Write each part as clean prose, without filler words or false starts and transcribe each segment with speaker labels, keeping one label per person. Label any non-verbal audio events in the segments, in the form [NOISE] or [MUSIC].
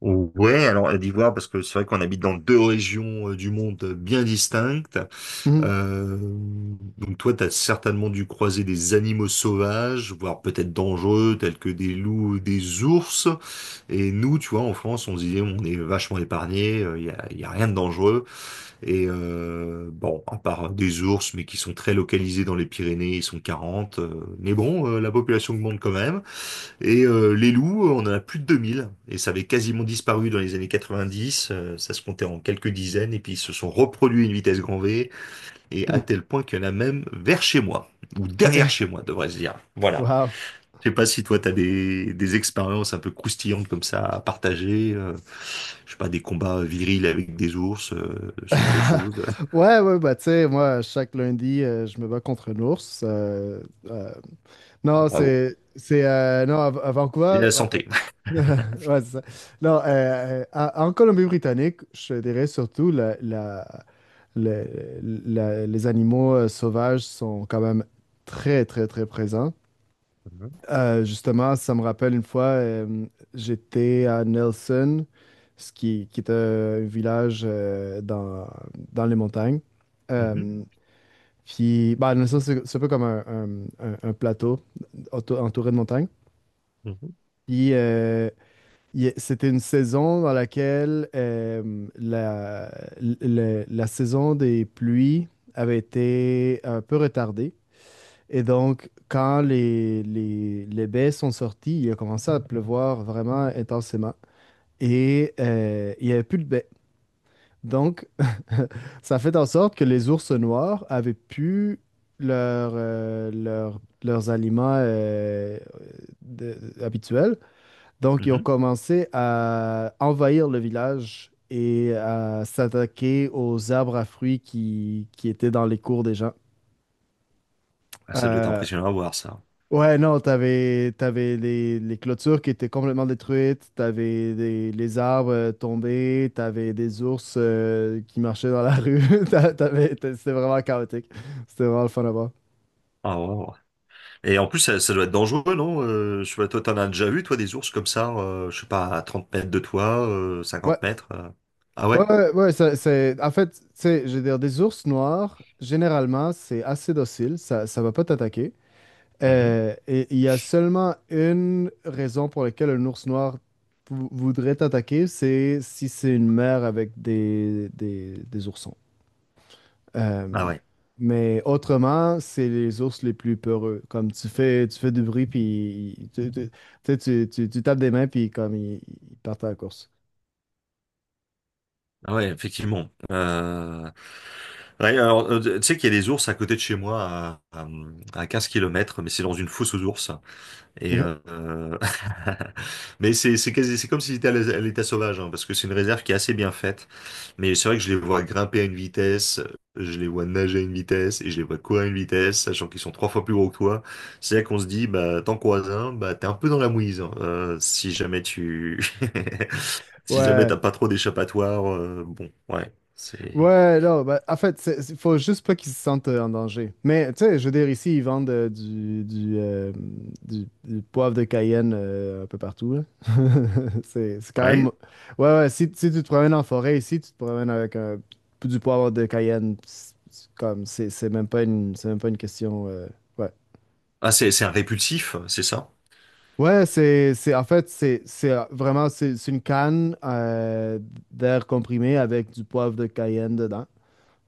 Speaker 1: Ouais, alors Côte d'Ivoire, parce que c'est vrai qu'on habite dans deux régions du monde bien distinctes.
Speaker 2: Mhm.
Speaker 1: Euh, donc toi, tu as certainement dû croiser des animaux sauvages, voire peut-être dangereux, tels que des loups ou des ours. Et nous, tu vois, en France, on se disait, on est vachement épargnés, y a rien de dangereux. Et bon, à part des ours, mais qui sont très localisés dans les Pyrénées, ils sont 40. Mais bon, la population augmente quand même. Et les loups, on en a plus de 2 000, et ça avait quasiment disparu dans les années 90, ça se comptait en quelques dizaines, et puis ils se sont reproduits à une vitesse grand V, et à
Speaker 2: Mhm.
Speaker 1: tel point qu'il y en a même vers chez moi, ou derrière
Speaker 2: OK.
Speaker 1: chez moi, devrais-je dire. Voilà.
Speaker 2: Wow.
Speaker 1: Je sais pas si toi, t'as des expériences un peu croustillantes comme ça à partager, je sais pas, des combats virils avec des ours, ce genre de
Speaker 2: [LAUGHS]
Speaker 1: choses.
Speaker 2: Ouais, ouais, bah, tu sais, moi, chaque lundi, je me bats contre un ours.
Speaker 1: Ah
Speaker 2: Non,
Speaker 1: bon.
Speaker 2: c'est. C'est. Non, à
Speaker 1: Et
Speaker 2: Vancouver,
Speaker 1: la
Speaker 2: en fait-
Speaker 1: santé.
Speaker 2: [LAUGHS] Ouais, c'est ça. Non, en Colombie-Britannique, je dirais surtout les animaux sauvages sont quand même très, très, très présents.
Speaker 1: Mhm,
Speaker 2: Justement, ça me rappelle une fois, j'étais à Nelson, ce qui est un village dans les montagnes.
Speaker 1: mhm,
Speaker 2: Euh, Puis, bah, Nelson, c'est un peu comme un plateau entouré de montagnes.
Speaker 1: mhm,
Speaker 2: Puis, c'était une saison dans laquelle la saison des pluies avait été un peu retardée. Et donc, quand les baies sont sorties, il a commencé à pleuvoir vraiment intensément. Et il n'y avait plus de baies. Donc, [LAUGHS] ça fait en sorte que les ours noirs avaient pu leurs aliments de- habituels. Donc, ils ont
Speaker 1: mhm.
Speaker 2: commencé à envahir le village et à s'attaquer aux arbres à fruits qui étaient dans les cours des gens.
Speaker 1: Ah, ça doit être
Speaker 2: Euh,
Speaker 1: impressionnant à voir, ça.
Speaker 2: Ouais, non, t'avais les clôtures qui étaient complètement détruites, les arbres tombés, t'avais des ours qui marchaient dans la [LAUGHS] rue, c'était vraiment chaotique. C'était vraiment le fun à voir.
Speaker 1: Ah, ouais, ouais. Et en plus, ça doit être dangereux, non? Je sais pas, toi, t'en as déjà vu, toi, des ours comme ça, je sais pas, à 30 mètres de toi,
Speaker 2: Ouais,
Speaker 1: 50 mètres. Ah
Speaker 2: ouais,
Speaker 1: ouais?
Speaker 2: ouais, ouais, c'est, en fait, tu sais, je veux dire, des ours noirs, généralement, c'est assez docile, ça va pas t'attaquer.
Speaker 1: Mhm.
Speaker 2: Et il y a seulement une raison pour laquelle un ours noir voudrait t'attaquer, c'est si c'est une mère avec des oursons. Euh,
Speaker 1: Ah ouais.
Speaker 2: mais autrement, c'est les ours les plus peureux. Comme tu fais, du bruit, puis tu sais, tu tapes des mains, puis comme ils partent à la course.
Speaker 1: Ah ouais, effectivement. Ouais, alors, tu sais qu'il y a des ours à côté de chez moi, à 15 km, mais c'est dans une fosse aux ours. Et
Speaker 2: [LAUGHS]
Speaker 1: [LAUGHS] mais c'est comme si c'était à à l'état sauvage, hein, parce que c'est une réserve qui est assez bien faite. Mais c'est vrai que je les vois grimper à une vitesse, je les vois nager à une vitesse et je les vois courir à une vitesse, sachant qu'ils sont trois fois plus gros que toi. C'est là qu'on se dit, bah, t'en croises un, bah, t'es un peu dans la mouise, hein, si jamais tu [LAUGHS] si jamais
Speaker 2: Ouais,
Speaker 1: t'as pas trop d'échappatoire. Bon, ouais, c'est.
Speaker 2: ouais, non, bah, en fait, faut juste pas qu'ils se sentent en danger. Mais, tu sais, je veux dire, ici, ils vendent du poivre de Cayenne un peu partout, là. [LAUGHS] C'est quand même...
Speaker 1: Ouais.
Speaker 2: Ouais, ouais, si tu te promènes en forêt ici, tu te promènes avec du poivre de Cayenne, c'est comme, c'est même pas une question... ouais.
Speaker 1: Ah, c'est un répulsif, c'est ça?
Speaker 2: Ouais, en fait, c'est vraiment, c'est une canne d'air comprimé avec du poivre de Cayenne dedans.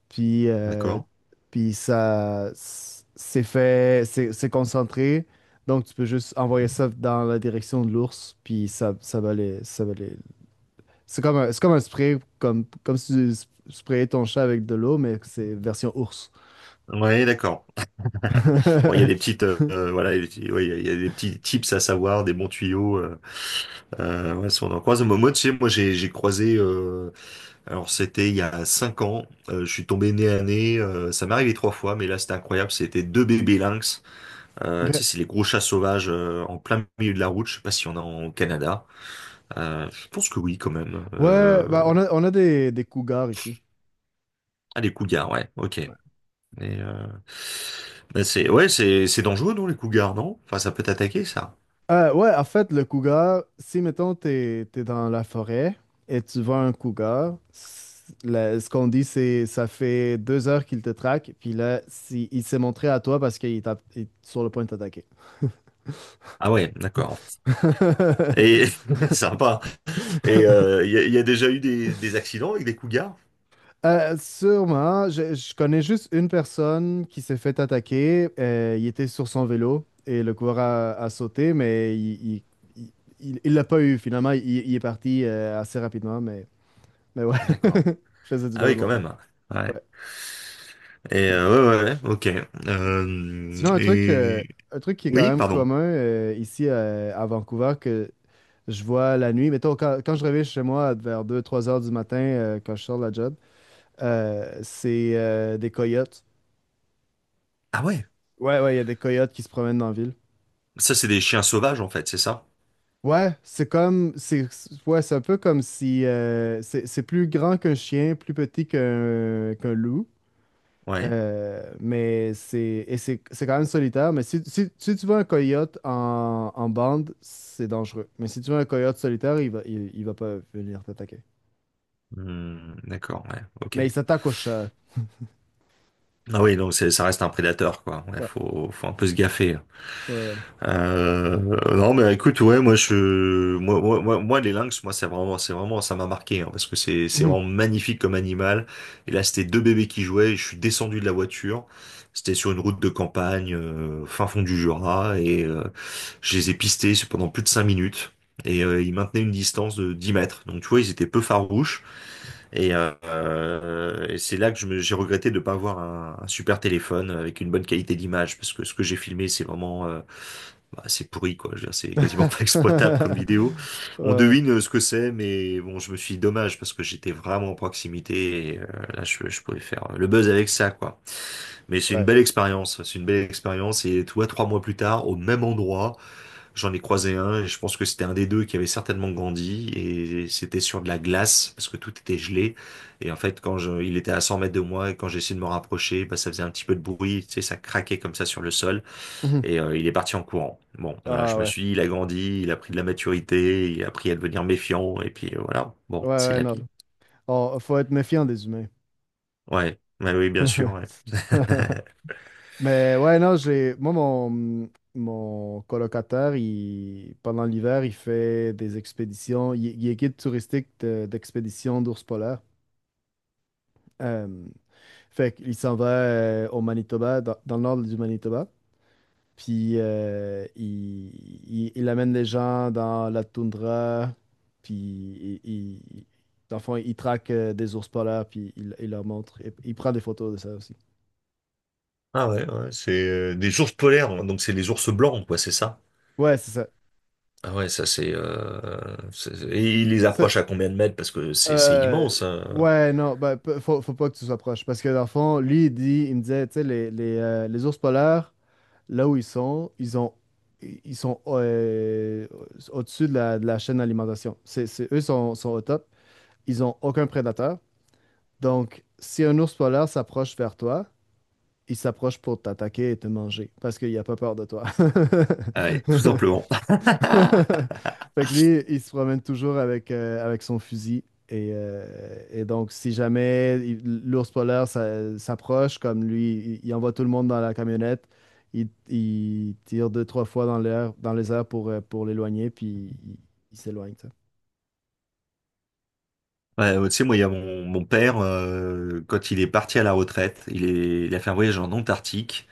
Speaker 2: Puis, euh,
Speaker 1: D'accord.
Speaker 2: puis, ça c'est fait, c'est concentré. Donc, tu peux juste envoyer ça dans la direction de l'ours, puis ça va les... C'est comme c'est comme un spray, comme si tu sprayais ton chat avec de l'eau, mais c'est version ours.
Speaker 1: Ouais, d'accord. Bon, il y a des
Speaker 2: [LAUGHS]
Speaker 1: petites, voilà, il y a des petits, ouais, il y a des petits tips à savoir, des bons tuyaux. Ouais, si on en croise, moi, tu sais, moi, j'ai croisé. Alors, c'était il y a 5 ans. Je suis tombé nez à nez. Ça m'est arrivé trois fois, mais là, c'était incroyable. C'était deux bébés lynx.
Speaker 2: Ok.
Speaker 1: Tu sais, c'est les gros chats sauvages en plein milieu de la route. Je sais pas si on a en Canada. Je pense que oui, quand même.
Speaker 2: Ouais, bah on a des cougars ici.
Speaker 1: Ah, les cougars, ouais. Ok. Mais, euh, mais c'est, ouais, c'est dangereux, non, les cougars, non? Enfin, ça peut t'attaquer, ça.
Speaker 2: Ouais, en fait, le cougar, si mettons t'es dans la forêt et tu vois un cougar, ce qu'on dit c'est ça fait 2 heures qu'il te traque, puis là si, il s'est montré à toi parce qu'il est sur le point de t'attaquer.
Speaker 1: Ah ouais, d'accord. Et [LAUGHS] sympa. Et il y a déjà eu des accidents avec des cougars?
Speaker 2: Sûrement, je connais juste une personne qui s'est fait attaquer. Il était sur son vélo et le cougar a sauté, mais il- il l'a pas eu finalement. Il est parti assez rapidement, mais ouais,
Speaker 1: D'accord.
Speaker 2: [LAUGHS] je faisais du
Speaker 1: Ah
Speaker 2: vélo
Speaker 1: oui, quand
Speaker 2: longtemps.
Speaker 1: même. Ouais.
Speaker 2: Ouais.
Speaker 1: Et ouais, ouais, ouais, ok.
Speaker 2: Sinon,
Speaker 1: Et
Speaker 2: un truc qui est quand
Speaker 1: oui,
Speaker 2: même
Speaker 1: pardon.
Speaker 2: commun ici à Vancouver que je vois la nuit, mettons, quand je reviens chez moi vers 2 ou 3 heures du matin, quand je sors de la job, c'est des coyotes.
Speaker 1: Ah ouais.
Speaker 2: Ouais, ouais, il y a des coyotes qui se promènent dans la ville.
Speaker 1: Ça, c'est des chiens sauvages, en fait, c'est ça?
Speaker 2: Ouais, c'est comme, ouais, c'est un peu comme si c'est plus grand qu'un chien, plus petit qu'un loup.
Speaker 1: Ouais.
Speaker 2: Mais c'est et c'est c'est quand même solitaire. Mais si tu veux un coyote en bande, c'est dangereux. Mais si tu veux un coyote solitaire, il va pas venir t'attaquer.
Speaker 1: Hmm, d'accord. Ouais. Ok.
Speaker 2: Mais il s'attaque au chat.
Speaker 1: Ah oui, donc c'est, ça reste un prédateur, quoi. Ouais,
Speaker 2: Ouais,
Speaker 1: faut un peu se gaffer.
Speaker 2: ouais,
Speaker 1: Euh, non mais écoute, ouais, moi, je, les lynx, moi, c'est vraiment ça m'a marqué, hein, parce que c'est
Speaker 2: ouais.
Speaker 1: vraiment magnifique comme animal, et là c'était deux bébés qui jouaient et je suis descendu de la voiture, c'était sur une route de campagne, fin fond du Jura, et je les ai pistés pendant plus de 5 minutes, et ils maintenaient une distance de 10 mètres, donc tu vois, ils étaient peu farouches, et c'est là que j'ai regretté de ne pas avoir un super téléphone avec une bonne qualité d'image, parce que ce que j'ai filmé c'est vraiment bah, c'est pourri, quoi. Je veux dire, c'est quasiment pas [LAUGHS] exploitable comme vidéo.
Speaker 2: [LAUGHS]
Speaker 1: On
Speaker 2: Ouais,
Speaker 1: devine ce que c'est, mais bon, je me suis dit dommage parce que j'étais vraiment en proximité, et là, je pouvais faire le buzz avec ça, quoi. Mais c'est
Speaker 2: ouais,
Speaker 1: une
Speaker 2: ouais.
Speaker 1: belle expérience. C'est une belle expérience, et toi, 3 mois plus tard, au même endroit, j'en ai croisé un et je pense que c'était un des deux qui avait certainement grandi, et c'était sur de la glace parce que tout était gelé. Et en fait, il était à 100 mètres de moi et quand j'ai essayé de me rapprocher, bah, ça faisait un petit peu de bruit, tu sais, ça craquait comme ça sur le sol. Et il est parti en courant. Bon, voilà,
Speaker 2: Ah,
Speaker 1: je me
Speaker 2: ouais.
Speaker 1: suis dit, il a grandi, il a pris de la maturité, il a appris à devenir méfiant, et puis voilà,
Speaker 2: Ouais,
Speaker 1: bon, c'est
Speaker 2: ouais,
Speaker 1: la vie.
Speaker 2: non. Oh, faut être méfiant des humains.
Speaker 1: Ouais, ouais, oui, bien sûr, ouais.
Speaker 2: [LAUGHS] Mais ouais, non, j'ai. moi, mon colocataire, il, pendant l'hiver, il fait des expéditions. Il est guide touristique d'expédition d'ours polaires. Euh, Fait qu'il s'en va au Manitoba, dans le nord du Manitoba. Puis il amène les gens dans la toundra. Puis il- dans le fond, il traque des ours polaires, puis il leur montre. Et il prend des photos de ça aussi.
Speaker 1: Ah ouais, ouais, c'est des ours polaires, hein, donc c'est les ours blancs, quoi, c'est ça?
Speaker 2: Ouais, c'est
Speaker 1: Ah ouais, ça c'est. Et il les
Speaker 2: ça.
Speaker 1: approche à combien de mètres? Parce que c'est
Speaker 2: Euh,
Speaker 1: immense, hein.
Speaker 2: ouais, non, ben, faut pas que tu sois proche. Parce que dans le fond, lui, il me disait, tu sais, les ours polaires, là où ils sont, ils sont au-dessus de la chaîne d'alimentation. Eux sont au top. Ils ont aucun prédateur. Donc, si un ours polaire s'approche vers toi, il s'approche pour t'attaquer et te manger parce qu'il a pas peur de toi.
Speaker 1: Ah ouais, tout
Speaker 2: [LAUGHS]
Speaker 1: simplement. [LAUGHS]
Speaker 2: [LAUGHS] Fait que lui, il se promène toujours avec son fusil. Et, euh, donc, si jamais l'ours polaire s'approche, comme lui, il envoie tout le monde dans la camionnette, il tire deux, trois fois dans les airs pour l'éloigner, puis il, il s'éloigne, tu sais.
Speaker 1: Ouais, ouais, tu sais, moi, il y a mon père, quand il est parti à la retraite, il a fait un voyage en Antarctique.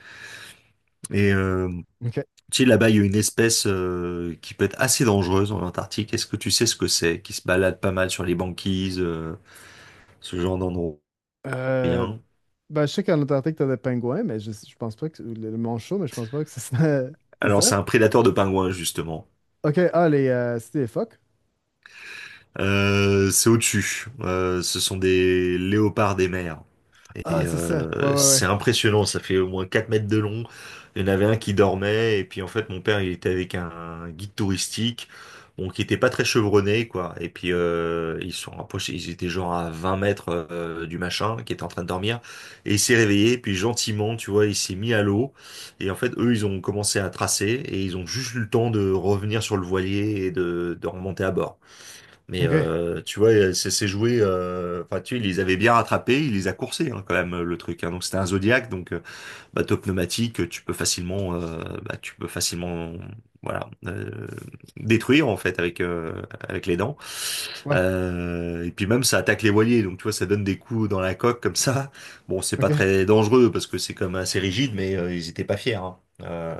Speaker 1: et euh,
Speaker 2: OK.
Speaker 1: Tu sais, là-bas, il y a une espèce qui peut être assez dangereuse en Antarctique. Est-ce que tu sais ce que c'est? Qui se balade pas mal sur les banquises, ce genre d'endroit.
Speaker 2: Euh,
Speaker 1: Rien.
Speaker 2: ben, je sais qu'en Antarctique, t'as des pingouins, mais je pense pas que... ou le manchot, mais je pense pas que c'est ça. [LAUGHS] C'est
Speaker 1: Alors,
Speaker 2: ça?
Speaker 1: c'est un prédateur de pingouins, justement.
Speaker 2: OK. Ah, les... c'est des phoques?
Speaker 1: C'est au-dessus. Ce sont des léopards des mers.
Speaker 2: Ah,
Speaker 1: Et
Speaker 2: c'est ça. Ouais,
Speaker 1: c'est
Speaker 2: ouais,
Speaker 1: impressionnant, ça fait au moins 4 mètres de long. Il y en avait un qui dormait, et puis en fait mon père il était avec un guide touristique, bon, qui était pas très chevronné, quoi. Et puis ils se sont rapprochés, ils étaient genre à 20 mètres du machin qui était en train de dormir. Et il s'est réveillé, puis gentiment, tu vois, il s'est mis à l'eau. Et en fait, eux ils ont commencé à tracer, et ils ont juste eu le temps de revenir sur le voilier et de remonter à bord.
Speaker 2: ouais.
Speaker 1: Mais
Speaker 2: OK.
Speaker 1: tu vois, c'est joué. Enfin, tu vois, il les avait bien rattrapés, il les a coursés, hein, quand même, le truc, hein. Donc c'était un Zodiac, donc bateau pneumatique, tu peux facilement, tu peux facilement, voilà, détruire en fait avec les dents.
Speaker 2: Ouais.
Speaker 1: Et puis même ça attaque les voiliers, donc tu vois, ça donne des coups dans la coque comme ça. Bon, c'est pas
Speaker 2: OK.
Speaker 1: très dangereux parce que c'est comme assez rigide, mais ils étaient pas fiers, hein. Euh,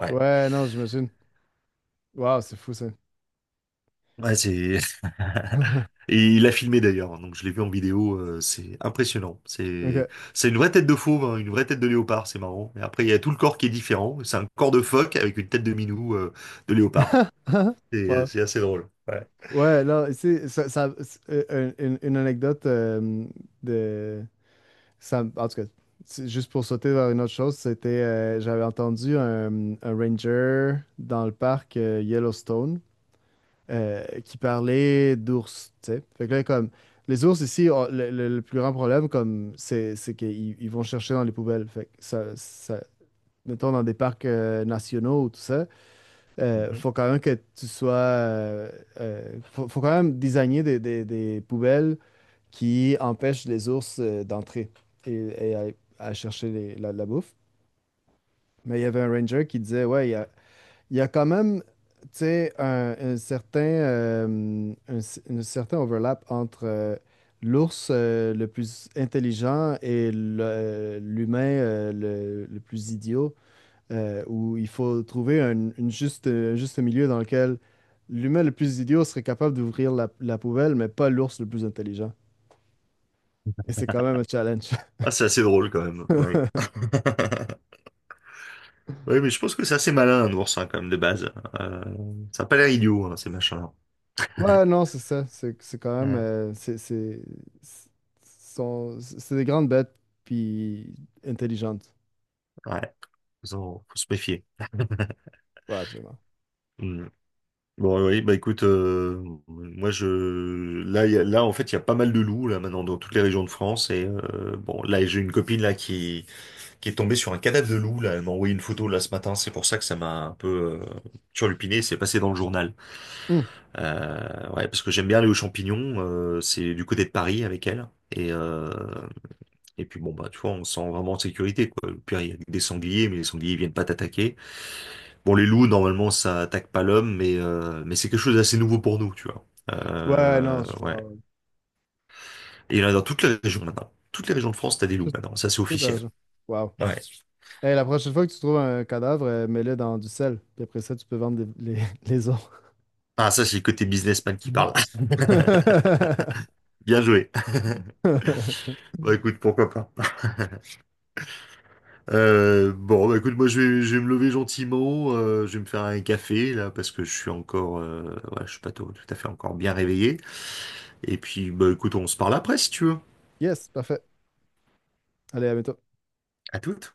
Speaker 1: ouais,
Speaker 2: Ouais, non, j'imagine. Waouh, c'est fou ça.
Speaker 1: ouais, c'est. [LAUGHS]
Speaker 2: [LAUGHS]
Speaker 1: Et il a filmé d'ailleurs, hein, donc je l'ai vu en vidéo, c'est impressionnant.
Speaker 2: Ok.
Speaker 1: C'est une vraie tête de fauve, hein, une vraie tête de léopard, c'est marrant. Et après, il y a tout le corps qui est différent. C'est un corps de phoque avec une tête de minou, de léopard.
Speaker 2: [LAUGHS]
Speaker 1: Et
Speaker 2: Wow.
Speaker 1: c'est assez drôle. Ouais.
Speaker 2: Ouais, là c'est ça, c'est, une anecdote de ça, en tout cas, c'est juste pour sauter vers une autre chose, c'était j'avais entendu un ranger dans le parc Yellowstone qui parlait d'ours, tu sais. Fait que là, comme les ours ici, le plus grand problème, comme c'est qu'ils vont chercher dans les poubelles. Fait que ça- mettons, dans des parcs nationaux ou tout ça,
Speaker 1: Mhm.
Speaker 2: faut quand même que tu sois... faut quand même designer des poubelles qui empêchent les ours d'entrer et, et à chercher la bouffe. Mais il y avait un ranger qui disait, ouais, il y a quand même, tu sais, un certain overlap entre... l'ours le plus intelligent et l'humain le plus idiot, où il faut trouver un juste milieu dans lequel l'humain le plus idiot serait capable d'ouvrir la poubelle, mais pas l'ours le plus intelligent. Et c'est quand même un challenge.
Speaker 1: Ah, c'est assez drôle quand même. Ouais.
Speaker 2: [LAUGHS]
Speaker 1: [LAUGHS] Ouais, mais je pense que c'est assez malin, un ours, hein, quand même, de base. Euh, Ça a pas l'air idiot, hein, ces machins-là.
Speaker 2: Ouais, non, c'est ça. C'est quand même.
Speaker 1: Ouais.
Speaker 2: C'est- c'est des grandes bêtes, puis intelligentes.
Speaker 1: Ouais. Faut se méfier. [LAUGHS]
Speaker 2: Ouais, absolument.
Speaker 1: Hmm. Bon, oui, oui, bah écoute, moi je, là, là en fait il y a pas mal de loups là maintenant dans toutes les régions de France, et bon, là j'ai une copine là qui est tombée sur un cadavre de loup, là elle m'a envoyé une photo là ce matin, c'est pour ça que ça m'a un peu turlupiné, c'est passé dans le journal,
Speaker 2: Hmm.
Speaker 1: ouais, parce que j'aime bien aller aux champignons, c'est du côté de Paris avec elle, et puis bon, bah, tu vois, on se sent vraiment en sécurité, quoi. Au pire, il y a des sangliers, mais les sangliers ils viennent pas t'attaquer. Bon, les loups, normalement, ça attaque pas l'homme, mais c'est quelque chose d'assez nouveau pour nous, tu vois.
Speaker 2: Ouais, non, je
Speaker 1: Ouais.
Speaker 2: comprends.
Speaker 1: Et il y en a dans toutes les régions maintenant. Toutes les régions de France, t'as des loups
Speaker 2: Tout,
Speaker 1: maintenant. Ça, c'est
Speaker 2: toute la
Speaker 1: officiel.
Speaker 2: raison. Wow.
Speaker 1: Ouais.
Speaker 2: Hey, la prochaine fois que tu trouves un cadavre, mets-le dans du sel. Puis après ça, tu peux vendre [LAUGHS] les os.
Speaker 1: Ah, ça, c'est le côté businessman qui parle.
Speaker 2: [LAUGHS]
Speaker 1: [LAUGHS] Bien joué. [LAUGHS]
Speaker 2: [LAUGHS]
Speaker 1: Bah écoute, pourquoi pas. Bon, bah écoute, moi je vais, me lever gentiment, je vais me faire un café là parce que je suis encore, ouais, je suis pas tout à fait encore bien réveillé. Et puis, bah écoute, on se parle après si tu veux.
Speaker 2: Yes, parfait. Allez, à bientôt.
Speaker 1: À toutes.